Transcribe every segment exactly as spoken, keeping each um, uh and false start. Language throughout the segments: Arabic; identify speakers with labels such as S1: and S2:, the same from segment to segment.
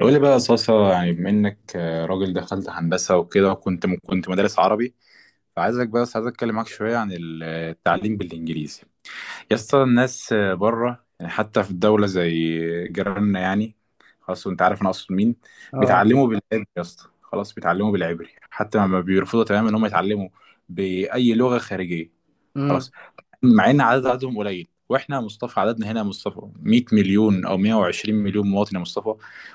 S1: قول لي بقى يا صاصة يعني بما انك آه، راجل دخلت هندسة وكده وكنت كنت مدرس عربي. فعايزك، بس عايز اتكلم معاك شوية عن التعليم بالانجليزي يا اسطى. الناس بره، يعني حتى في الدولة زي جيراننا يعني، خلاص وانت عارف انا اقصد مين،
S2: اه.
S1: بيتعلموا بالعبري يا اسطى. خلاص، بيتعلموا بالعبري، حتى ما بيرفضوا تماما ان هم يتعلموا بأي لغة خارجية. خلاص.
S2: امم
S1: مع ان عدد عددهم قليل، واحنا يا مصطفى عددنا هنا يا مصطفى مية مليون او مية وعشرين مليون مواطن يا مصطفى.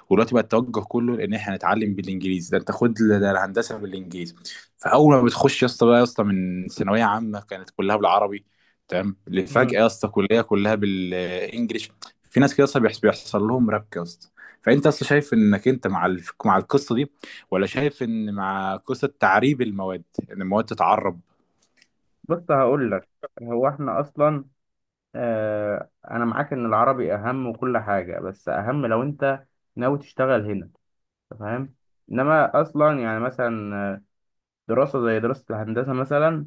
S1: ودلوقتي بقى التوجه كله لان احنا هنتعلم بالانجليزي. ده انت خد ال- ده الهندسه بالانجليزي. فاول ما بتخش يا اسطى، بقى يا اسطى، من ثانويه عامه كانت كلها بالعربي، تمام، اللي
S2: امم
S1: فجأة يا اسطى كلية كلها بالانجلش. في ناس كده يا اسطى بيحس- بيحصل لهم ربك يا اسطى. فانت اصلا شايف انك انت مع الف... مع القصة دي، ولا شايف ان مع قصة تعريب المواد، ان المواد تتعرب؟
S2: بص، هقول لك. هو احنا اصلا، آه انا معاك ان العربي اهم وكل حاجه، بس اهم لو انت ناوي تشتغل هنا. أنت فاهم. انما اصلا يعني مثلا، آه، دراسه زي دراسه الهندسه مثلا.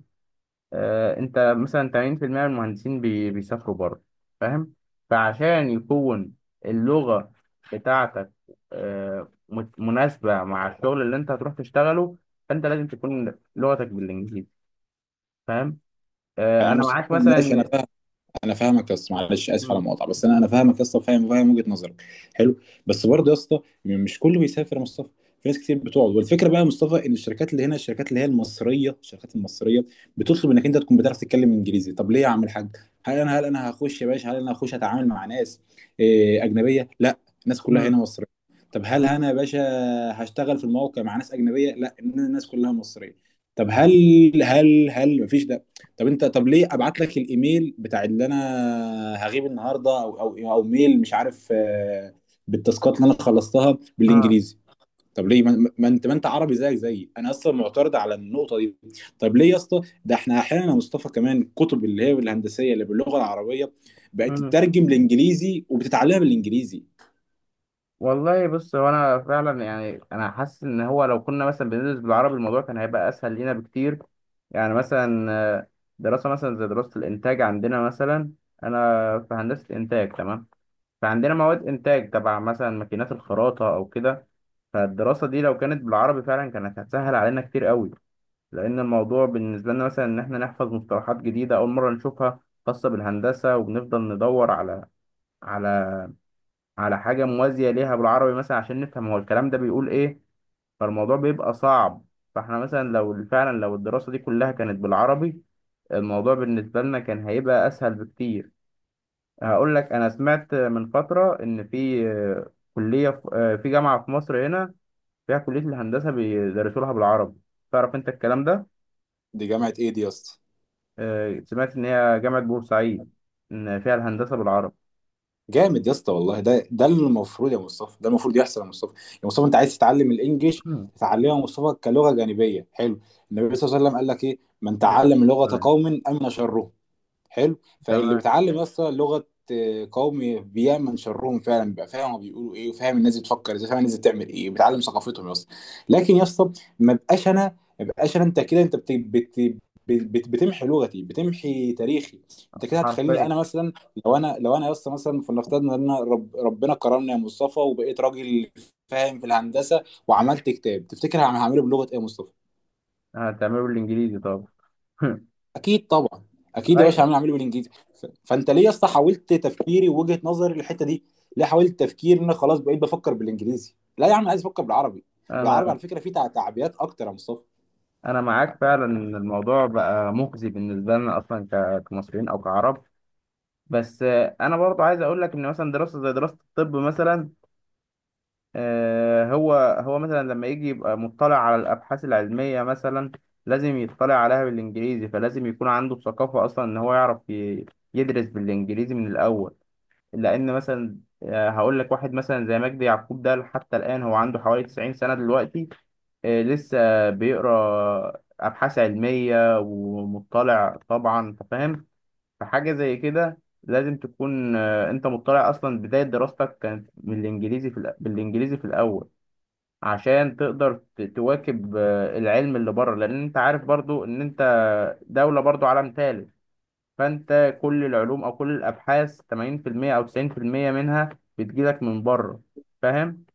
S2: آه انت مثلا ثمانين في المية من المهندسين بي بيسافروا بره، فاهم. فعشان يكون اللغه بتاعتك آه مت- مناسبه مع الشغل اللي انت هتروح تشتغله، فانت لازم تكون لغتك بالانجليزي، فاهم. آه،
S1: انا
S2: انا
S1: مسلم،
S2: معاك
S1: ماشي، انا
S2: مثلا، إن-
S1: فاهم. انا فاهمك يا اسطى، معلش اسف على
S2: م-
S1: المقاطعه، بس انا انا فاهمك يا اسطى، فاهم فاهم وجهه نظرك. حلو. بس برضه يا اسطى، مش كله بيسافر يا مصطفى. في ناس كتير بتقعد، والفكره بقى يا مصطفى ان الشركات اللي هنا، الشركات اللي هي المصريه، الشركات المصريه بتطلب انك انت تكون بتعرف تتكلم انجليزي. طب ليه يا عم الحاج؟ هل انا هل انا هخش يا باشا، هل انا هخش اتعامل مع ناس إيه، اجنبيه؟ لا، الناس كلها
S2: م-
S1: هنا مصريه. طب هل انا يا باشا هشتغل في الموقع مع ناس اجنبيه؟ لا، الناس كلها مصريه. طب هل هل هل مفيش، طب انت، طب ليه ابعت لك الايميل بتاع اللي انا هغيب النهارده، او او او ميل مش عارف، آه، بالتاسكات اللي انا خلصتها
S2: آه،
S1: بالانجليزي؟ طب ليه ما ما انت ما انت عربي زيك زيي؟ انا اصلا معترض على النقطه دي. طب ليه يا اسطى؟ ده احنا احيانا يا مصطفى كمان الكتب اللي هي الهندسيه اللي باللغه العربيه بقت
S2: م.
S1: تترجم لانجليزي وبتتعلمها بالانجليزي.
S2: والله بص، هو انا فعلا يعني انا حاسس ان هو لو كنا مثلا بندرس بالعربي الموضوع كان هيبقى اسهل لينا بكتير. يعني مثلا، آه، دراسه مثلا زي دراسه الانتاج عندنا مثلا. انا في هندسه انتاج، تمام. فعندنا مواد انتاج تبع مثلا ماكينات الخراطه او كده. فالدراسه دي لو كانت بالعربي فعلا كانت هتسهل علينا كتير قوي، لان الموضوع بالنسبه لنا مثلا ان احنا نحفظ مصطلحات جديده اول مره نشوفها خاصه بالهندسه، وبنفضل ندور على على على حاجة موازية ليها بالعربي مثلا عشان نفهم هو الكلام ده بيقول ايه، فالموضوع بيبقى صعب. فاحنا مثلا لو فعلا لو الدراسة دي كلها كانت بالعربي، الموضوع بالنسبة لنا كان هيبقى أسهل بكتير. هقول لك، أنا سمعت من فترة إن في آه، كلية، في آه، في جامعة في مصر هنا فيها كلية الهندسة بيدرسوا لها بالعربي. تعرف أنت الكلام ده؟
S1: دي جامعه ايه دي يا اسطى؟
S2: آه، سمعت إن هي جامعة بورسعيد، إن فيها الهندسة بالعربي.
S1: جامد يا اسطى والله، ده ده اللي المفروض يا مصطفى، ده المفروض يحصل يا مصطفى. يا مصطفى، انت عايز تتعلم الانجليش، تتعلمه يا مصطفى كلغه جانبيه. حلو. النبي صلى الله عليه وسلم قال لك ايه؟ من تعلم لغه قوم امن شره. حلو. فاللي
S2: تمام.
S1: بيتعلم اصلا لغه آه، قومي، بيعمل شرهم فعلا، بيبقى فاهم هما بيقولوا ايه، وفاهم الناس بتفكر ازاي، فاهم الناس بتعمل ايه، بيتعلم ثقافتهم يا اسطى. لكن يا اسطى، ما بقاش انا، ما بقاش انا، انت كده، انت بت... بت... بت... بتمحي لغتي، بتمحي تاريخي. انت كده هتخليني
S2: حرفيا.
S1: انا مثلا، لو انا لو انا يا اسطى مثلا، فلنفترض ان انا رب... ربنا كرمني يا مصطفى وبقيت راجل فاهم في الهندسه، وعملت كتاب، تفتكر هعمله بلغه ايه يا مصطفى؟
S2: هتعمله بالإنجليزي طبعا.
S1: اكيد طبعا، اكيد يا
S2: اي.
S1: باشا عامل اعمله بالانجليزي. ف- فانت ليه يا اسطى حاولت تفكيري ووجهة نظري للحته دي؟ ليه حاولت تفكير ان أنا خلاص بقيت بفكر بالانجليزي؟ لا يا عم، عايز افكر بالعربي. والعربي على
S2: انا،
S1: فكره فيه تع- تعبيات اكتر يا مصطفى.
S2: انا معاك فعلا ان الموضوع بقى مخزي بالنسبه لنا اصلا ك- كمصريين او كعرب. بس آه، انا برضو عايز اقول لك ان مثلا دراسه زي دراسه الطب مثلا. آه، هو هو مثلا لما يجي يبقى مطلع على الابحاث العلميه مثلا، لازم يطلع عليها بالانجليزي. فلازم يكون عنده ثقافه اصلا ان هو يعرف ي- يدرس بالانجليزي من الاول. لان مثلا، آه، هقول لك، واحد مثلا زي مجدي يعقوب ده، حتى الان هو عنده حوالي تسعين سنه دلوقتي، آه، لسه بيقرا ابحاث علميه ومطلع طبعا، انت فاهم. فحاجه زي كده لازم تكون، آه، انت مطلع اصلا بدايه دراستك كانت بالانجليزي في الأ- بالانجليزي في الاول، عشان تقدر ت- تواكب آه، العلم اللي بره. لان انت عارف برضو ان انت دولة برضو عالم ثالث، فانت كل العلوم او كل الابحاث ثمانين في المية او تسعين في المية منها بتجيلك من بره، فاهم.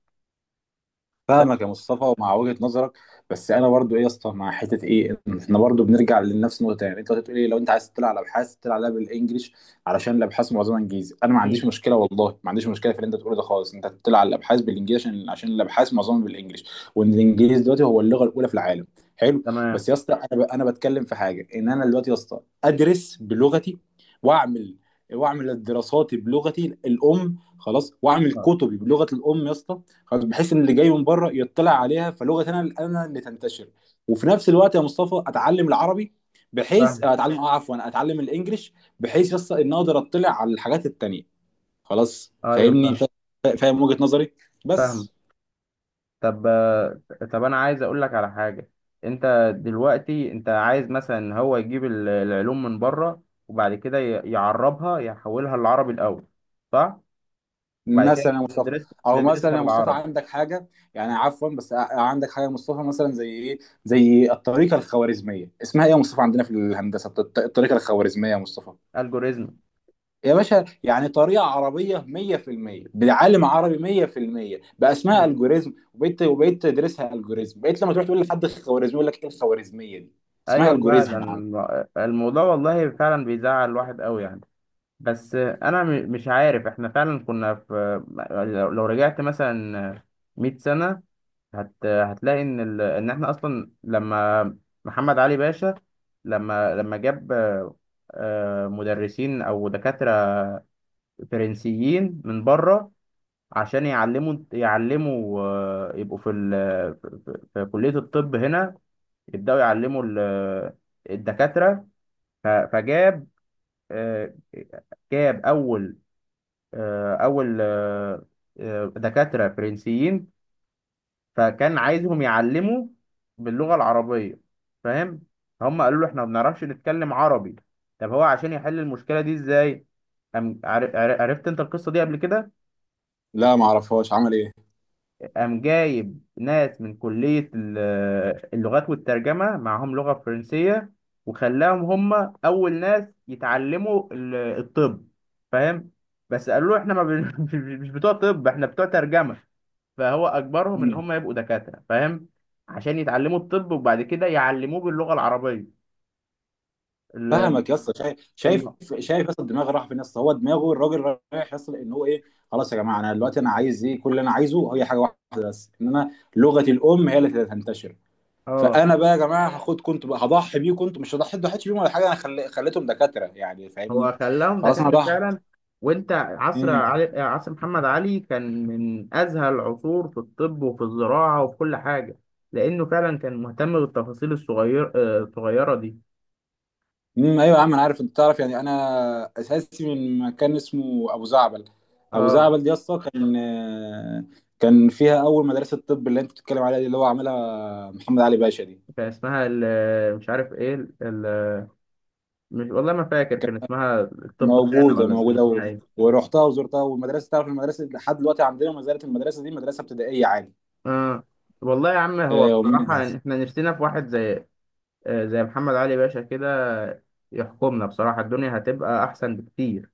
S2: ف...
S1: فاهمك يا مصطفى ومع وجهة نظرك، بس انا برضو، ايه يا اسطى، مع حته ايه، إن احنا برضو بنرجع لنفس النقطه. يعني انت بتقول ايه؟ لو انت عايز تطلع على ابحاث، تطلع عليها بالانجلش علشان الابحاث معظمها انجليزي. انا ما عنديش
S2: مم.
S1: مشكله، والله ما عنديش مشكله في اللي انت بتقوله ده خالص. انت تطلع على الابحاث بالانجليزي عشان عشان الابحاث معظمها بالانجلش، وان الانجليزي دلوقتي هو اللغه الاولى في العالم. حلو.
S2: تمام.
S1: بس يا اسطى، انا ب... انا بتكلم في حاجه، ان انا دلوقتي يا اسطى ادرس بلغتي، واعمل واعمل دراساتي بلغتي الام، خلاص، واعمل
S2: آه،
S1: كتبي بلغه الام يا اسطى. خلاص. بحيث ان اللي جاي من بره يطلع عليها، فلغه انا انا اللي تنتشر. وفي نفس الوقت يا مصطفى اتعلم العربي، بحيث
S2: فاهم.
S1: آه، اتعلم، اه، عفوا، اتعلم الانجليش، بحيث يس ان اقدر اطلع على الحاجات التانيه. خلاص
S2: ايوه،
S1: فاهمني،
S2: فاهم
S1: فا- فاهم وجهه نظري.
S2: فاهم.
S1: بس
S2: طب آه، طب انا عايز اقول لك على حاجه. انت دلوقتي انت عايز مثلا هو يجيب ال- العلوم من بره، وبعد كده ي- يعربها، يحولها للعربي الاول، صح؟ وبعد كده
S1: مثلا يا مصطفى،
S2: ندرس
S1: او مثلا
S2: ندرسها
S1: يا مصطفى
S2: بالعربي.
S1: عندك حاجه، يعني عفوا، بس ع- عندك حاجه يا مصطفى مثلا زي ايه؟ زي الطريقه الخوارزميه. اسمها ايه يا مصطفى عندنا في الهندسه؟ الط- الطريقه الخوارزميه يا مصطفى،
S2: الجوريزم.
S1: يا باشا، يعني طريقة عربية مية في المية بعالم عربي مية في المية بقى اسمها
S2: مم.
S1: الجوريزم. وبقيت وبقيت تدرسها الجوريزم، بقيت لما تروح تقول لحد خوارزمي يقول لك ايه الخوارزمية دي. اسمها
S2: ايوه
S1: الجوريزم
S2: فعلا،
S1: يا عم.
S2: الم- الموضوع والله فعلا بيزعل الواحد قوي يعني. بس انا م- مش عارف، احنا فعلا كنا في، لو لو رجعت مثلا مية سنة هت... هتلاقي ان ال... ان احنا اصلا لما محمد علي باشا، لما لما جاب آه، مدرسين او دكاترة فرنسيين من بره عشان يعلموا يعلموا آه، يبقوا في ال... في في- في كلية الطب هنا يبدأوا يعلموا ال... الدكاترة. ف... فجاب، آه، جاب اول آه، اول آه، آه، دكاتره فرنسيين. فكان عايزهم يعلموا باللغه العربيه، فاهم. هم قالوا له: احنا ما بنعرفش نتكلم عربي. طب هو عشان يحل المشكله دي ازاي؟ أم عر- عر- عرفت انت القصه دي قبل كده؟
S1: لا، ما اعرفهاش، عمل ايه؟
S2: قام جايب ناس من كليه ال- اللغات والترجمه معاهم لغه فرنسيه، وخلاهم هم اول ناس يتعلموا ال- الطب، فاهم. بس قالوا له: احنا ما بن... مش بتوع طب، احنا بتوع ترجمه. فهو اجبرهم ان
S1: مم.
S2: هم يبقوا دكاتره، فاهم، عشان يتعلموا الطب وبعد كده يعلموه باللغه العربيه. ال-
S1: فاهمك يا اسطى، شايف شايف
S2: الم...
S1: شايف يا اسطى، الدماغ راح فين يا اسطى؟ هو دماغه الراجل رايح يا اسطى ان هو ايه؟ خلاص يا جماعة، انا دلوقتي انا عايز ايه؟ كل اللي انا عايزه هي حاجة واحدة بس، ان انا لغتي الام هي اللي تنتشر.
S2: اه،
S1: فانا بقى يا جماعه هاخد، كنت بقى هضحي بيه، كنت مش هضحي، ضحيتش بيهم ولا حاجه، انا خلي... خليتهم دكاتره، يعني فاهمني.
S2: هو خلاهم
S1: خلاص انا
S2: دكاتره
S1: ضحي.
S2: فعلا. وانت عصر
S1: امم.
S2: علي... عصر محمد علي كان من ازهى العصور في الطب وفي الزراعه وفي كل حاجه، لانه فعلا كان مهتم بالتفاصيل الصغير آه، الصغيره دي.
S1: امم، ايوه يا عم انا عارف. انت تعرف يعني انا اساسي من مكان اسمه ابو زعبل. ابو
S2: اه،
S1: زعبل دي اصلا كان، كان فيها اول مدرسه طب اللي انت بتتكلم عليها دي، اللي هو عاملها محمد علي باشا دي.
S2: كان اسمها ال... مش عارف ايه، ال... ال- مش، والله ما فاكر كان اسمها الطب خانه
S1: موجوده
S2: ولا كان
S1: موجوده و...
S2: اسمها ايه.
S1: ورحتها وزرتها. والمدرسه، تعرف، المدرسه لحد دلوقتي عندنا ما زالت، المدرسه دي مدرسه ابتدائيه عادي
S2: آه. والله يا عم،
S1: الى
S2: هو بصراحة
S1: يومنا
S2: يعني
S1: هذا.
S2: احنا نفسنا في واحد زي، آه، زي محمد علي باشا كده يحكمنا، بصراحة الدنيا هتبقى أحسن بكتير.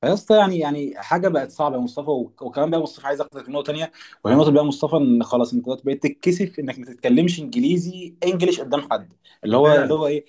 S1: فيا اسطى، يعني، يعني حاجه بقت صعبه يا مصطفى. و- وكمان بقى مصطفى، عايز اخدك نقطه تانيه، وهي نقطه بقى مصطفى، ان خلاص انت دلوقتي بقيت تتكسف انك ما تتكلمش انجليزي، انجليش قدام حد. اللي هو، اللي
S2: فعلا.
S1: هو ايه،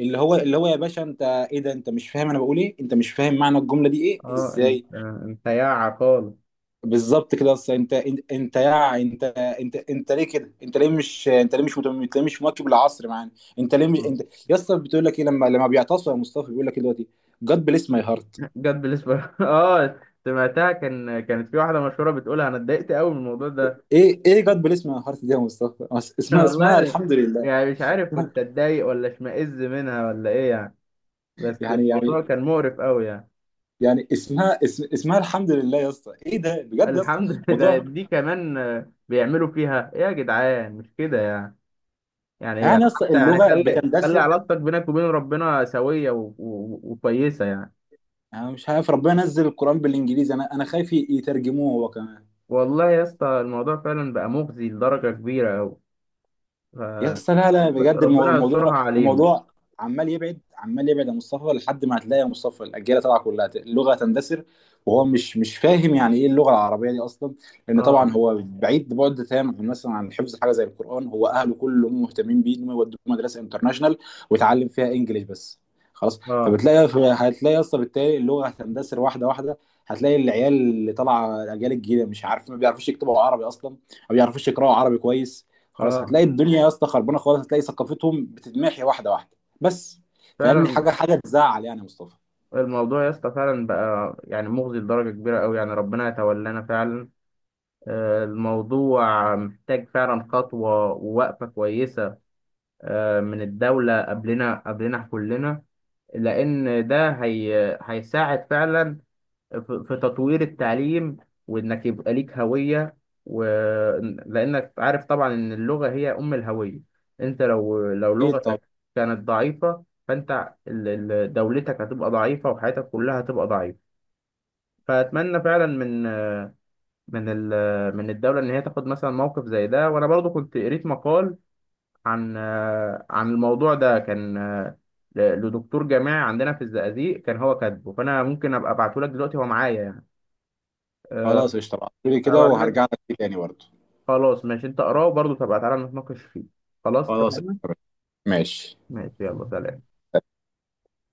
S1: اللي هو، اللي هو يا باشا، انت ايه ده؟ انت مش فاهم انا بقول ايه؟ انت مش فاهم معنى الجمله دي ايه،
S2: اه، انت
S1: ازاي؟
S2: انت يا عقال.
S1: بالظبط كده. اصل انت انت انت يا انت، انت انت ليه كده؟ انت ليه مش، انت ليه مش متم- انت ليه مش مواكب العصر معانا؟ انت ليه مش
S2: آه.
S1: انت؟ يا اسطى بتقول لك ايه لما لما بيعتصوا يا مصطفى بيقول لك ايه دلوقتي؟ God bless my heart.
S2: جد، بالنسبة اه سمعتها، كان كانت في واحدة مشهورة بتقولها، انا اتضايقت قوي من الموضوع ده.
S1: ايه ايه جاد بليس من حرف دي يا مصطفى؟ أس- اسمها،
S2: والله
S1: اسمها
S2: أنا
S1: الحمد لله.
S2: يعني مش عارف كنت اتضايق ولا اشمئز منها ولا ايه يعني، بس
S1: يعني يعني
S2: الموضوع كان مقرف قوي يعني.
S1: يعني اسمها، اسم، اسمها الحمد لله يا اسطى. ايه ده بجد يا اسطى؟
S2: الحمد لله
S1: موضوع،
S2: دي كمان، آه، بيعملوا فيها ايه يا جدعان، مش كده؟ يعني
S1: يعني يا اسطى،
S2: حتى يعني،
S1: اللغه
S2: خلي خلي
S1: بتندثر.
S2: علاقتك بينك وبين ربنا سوية و... و... وكويسة يعني.
S1: انا مش عارف، ربنا نزل القران بالانجليزي؟ انا انا خايف يترجموه هو كمان.
S2: والله يا اسطى الموضوع فعلا بقى مخزي لدرجة كبيرة أوي. ف...
S1: يا اسطى لا لا،
S2: رب-
S1: بجد، المو-
S2: ربنا يسترها
S1: الموضوع
S2: علينا.
S1: الموضوع عمال يبعد، عمال يبعد يا مصطفى، لحد ما هتلاقي يا مصطفى الاجيال طالعه كلها، ت- اللغه تندثر، وهو مش مش فاهم يعني ايه اللغه العربيه دي اصلا، لان
S2: اه،
S1: طبعا هو بعيد بعد تام عن، مثلا، عن حفظ حاجه زي القران. هو اهله كلهم مهتمين بيه انهم يودوه مدرسه انترناشونال ويتعلم فيها انجليش بس. خلاص
S2: اه،
S1: فبتلاقي، هتلاقي اصلا بالتالي اللغه هتندثر واحده واحده. هتلاقي العيال اللي طالعه، الاجيال الجديده، مش عارف، ما بيعرفوش يكتبوا عربي اصلا، ما بيعرفوش يقراوا عربي كويس. خلاص
S2: اه،
S1: هتلاقي الدنيا يا اسطى خربانه خالص، هتلاقي ثقافتهم بتتمحي واحده واحده بس. فيعني
S2: فعلا.
S1: حاجه حاجه تزعل يعني يا مصطفى.
S2: الموضوع يا اسطى فعلا بقى يعني مخزي لدرجة كبيرة أوي يعني، ربنا يتولانا فعلا. آه، الموضوع محتاج فعلا خطوة ووقفة كويسة، آه، من الدولة قبلنا، قبلنا كلنا. لأن ده هي هيساعد فعلا في في تطوير التعليم، وانك يبقى ليك هوية. و... لانك عارف طبعا ان اللغة هي ام الهوية. انت لو لو
S1: اكيد. طب
S2: لغتك كانت ضعيفة، فانت ال- ال- دولتك هتبقى ضعيفة، وحياتك كلها هتبقى ضعيفة. فاتمنى فعلا من، من ال... من الدولة ان هي تاخد مثلا موقف زي ده. وانا برضو كنت قريت مقال عن، عن الموضوع ده كان ل- لدكتور جامعي عندنا في الزقازيق كان هو كاتبه، فانا ممكن ابقى ابعته لك دلوقتي، هو معايا يعني. أه،
S1: خلاص قشطه، بعتلي كده
S2: هبعتهولك.
S1: وهرجع لك تاني برضه.
S2: خلاص ماشي، انت اقراه برضه تبقى تعالى نتناقش فيه. خلاص
S1: خلاص
S2: اتفقنا.
S1: قشطة. ماشي.
S2: ماشي، يلا، سلام.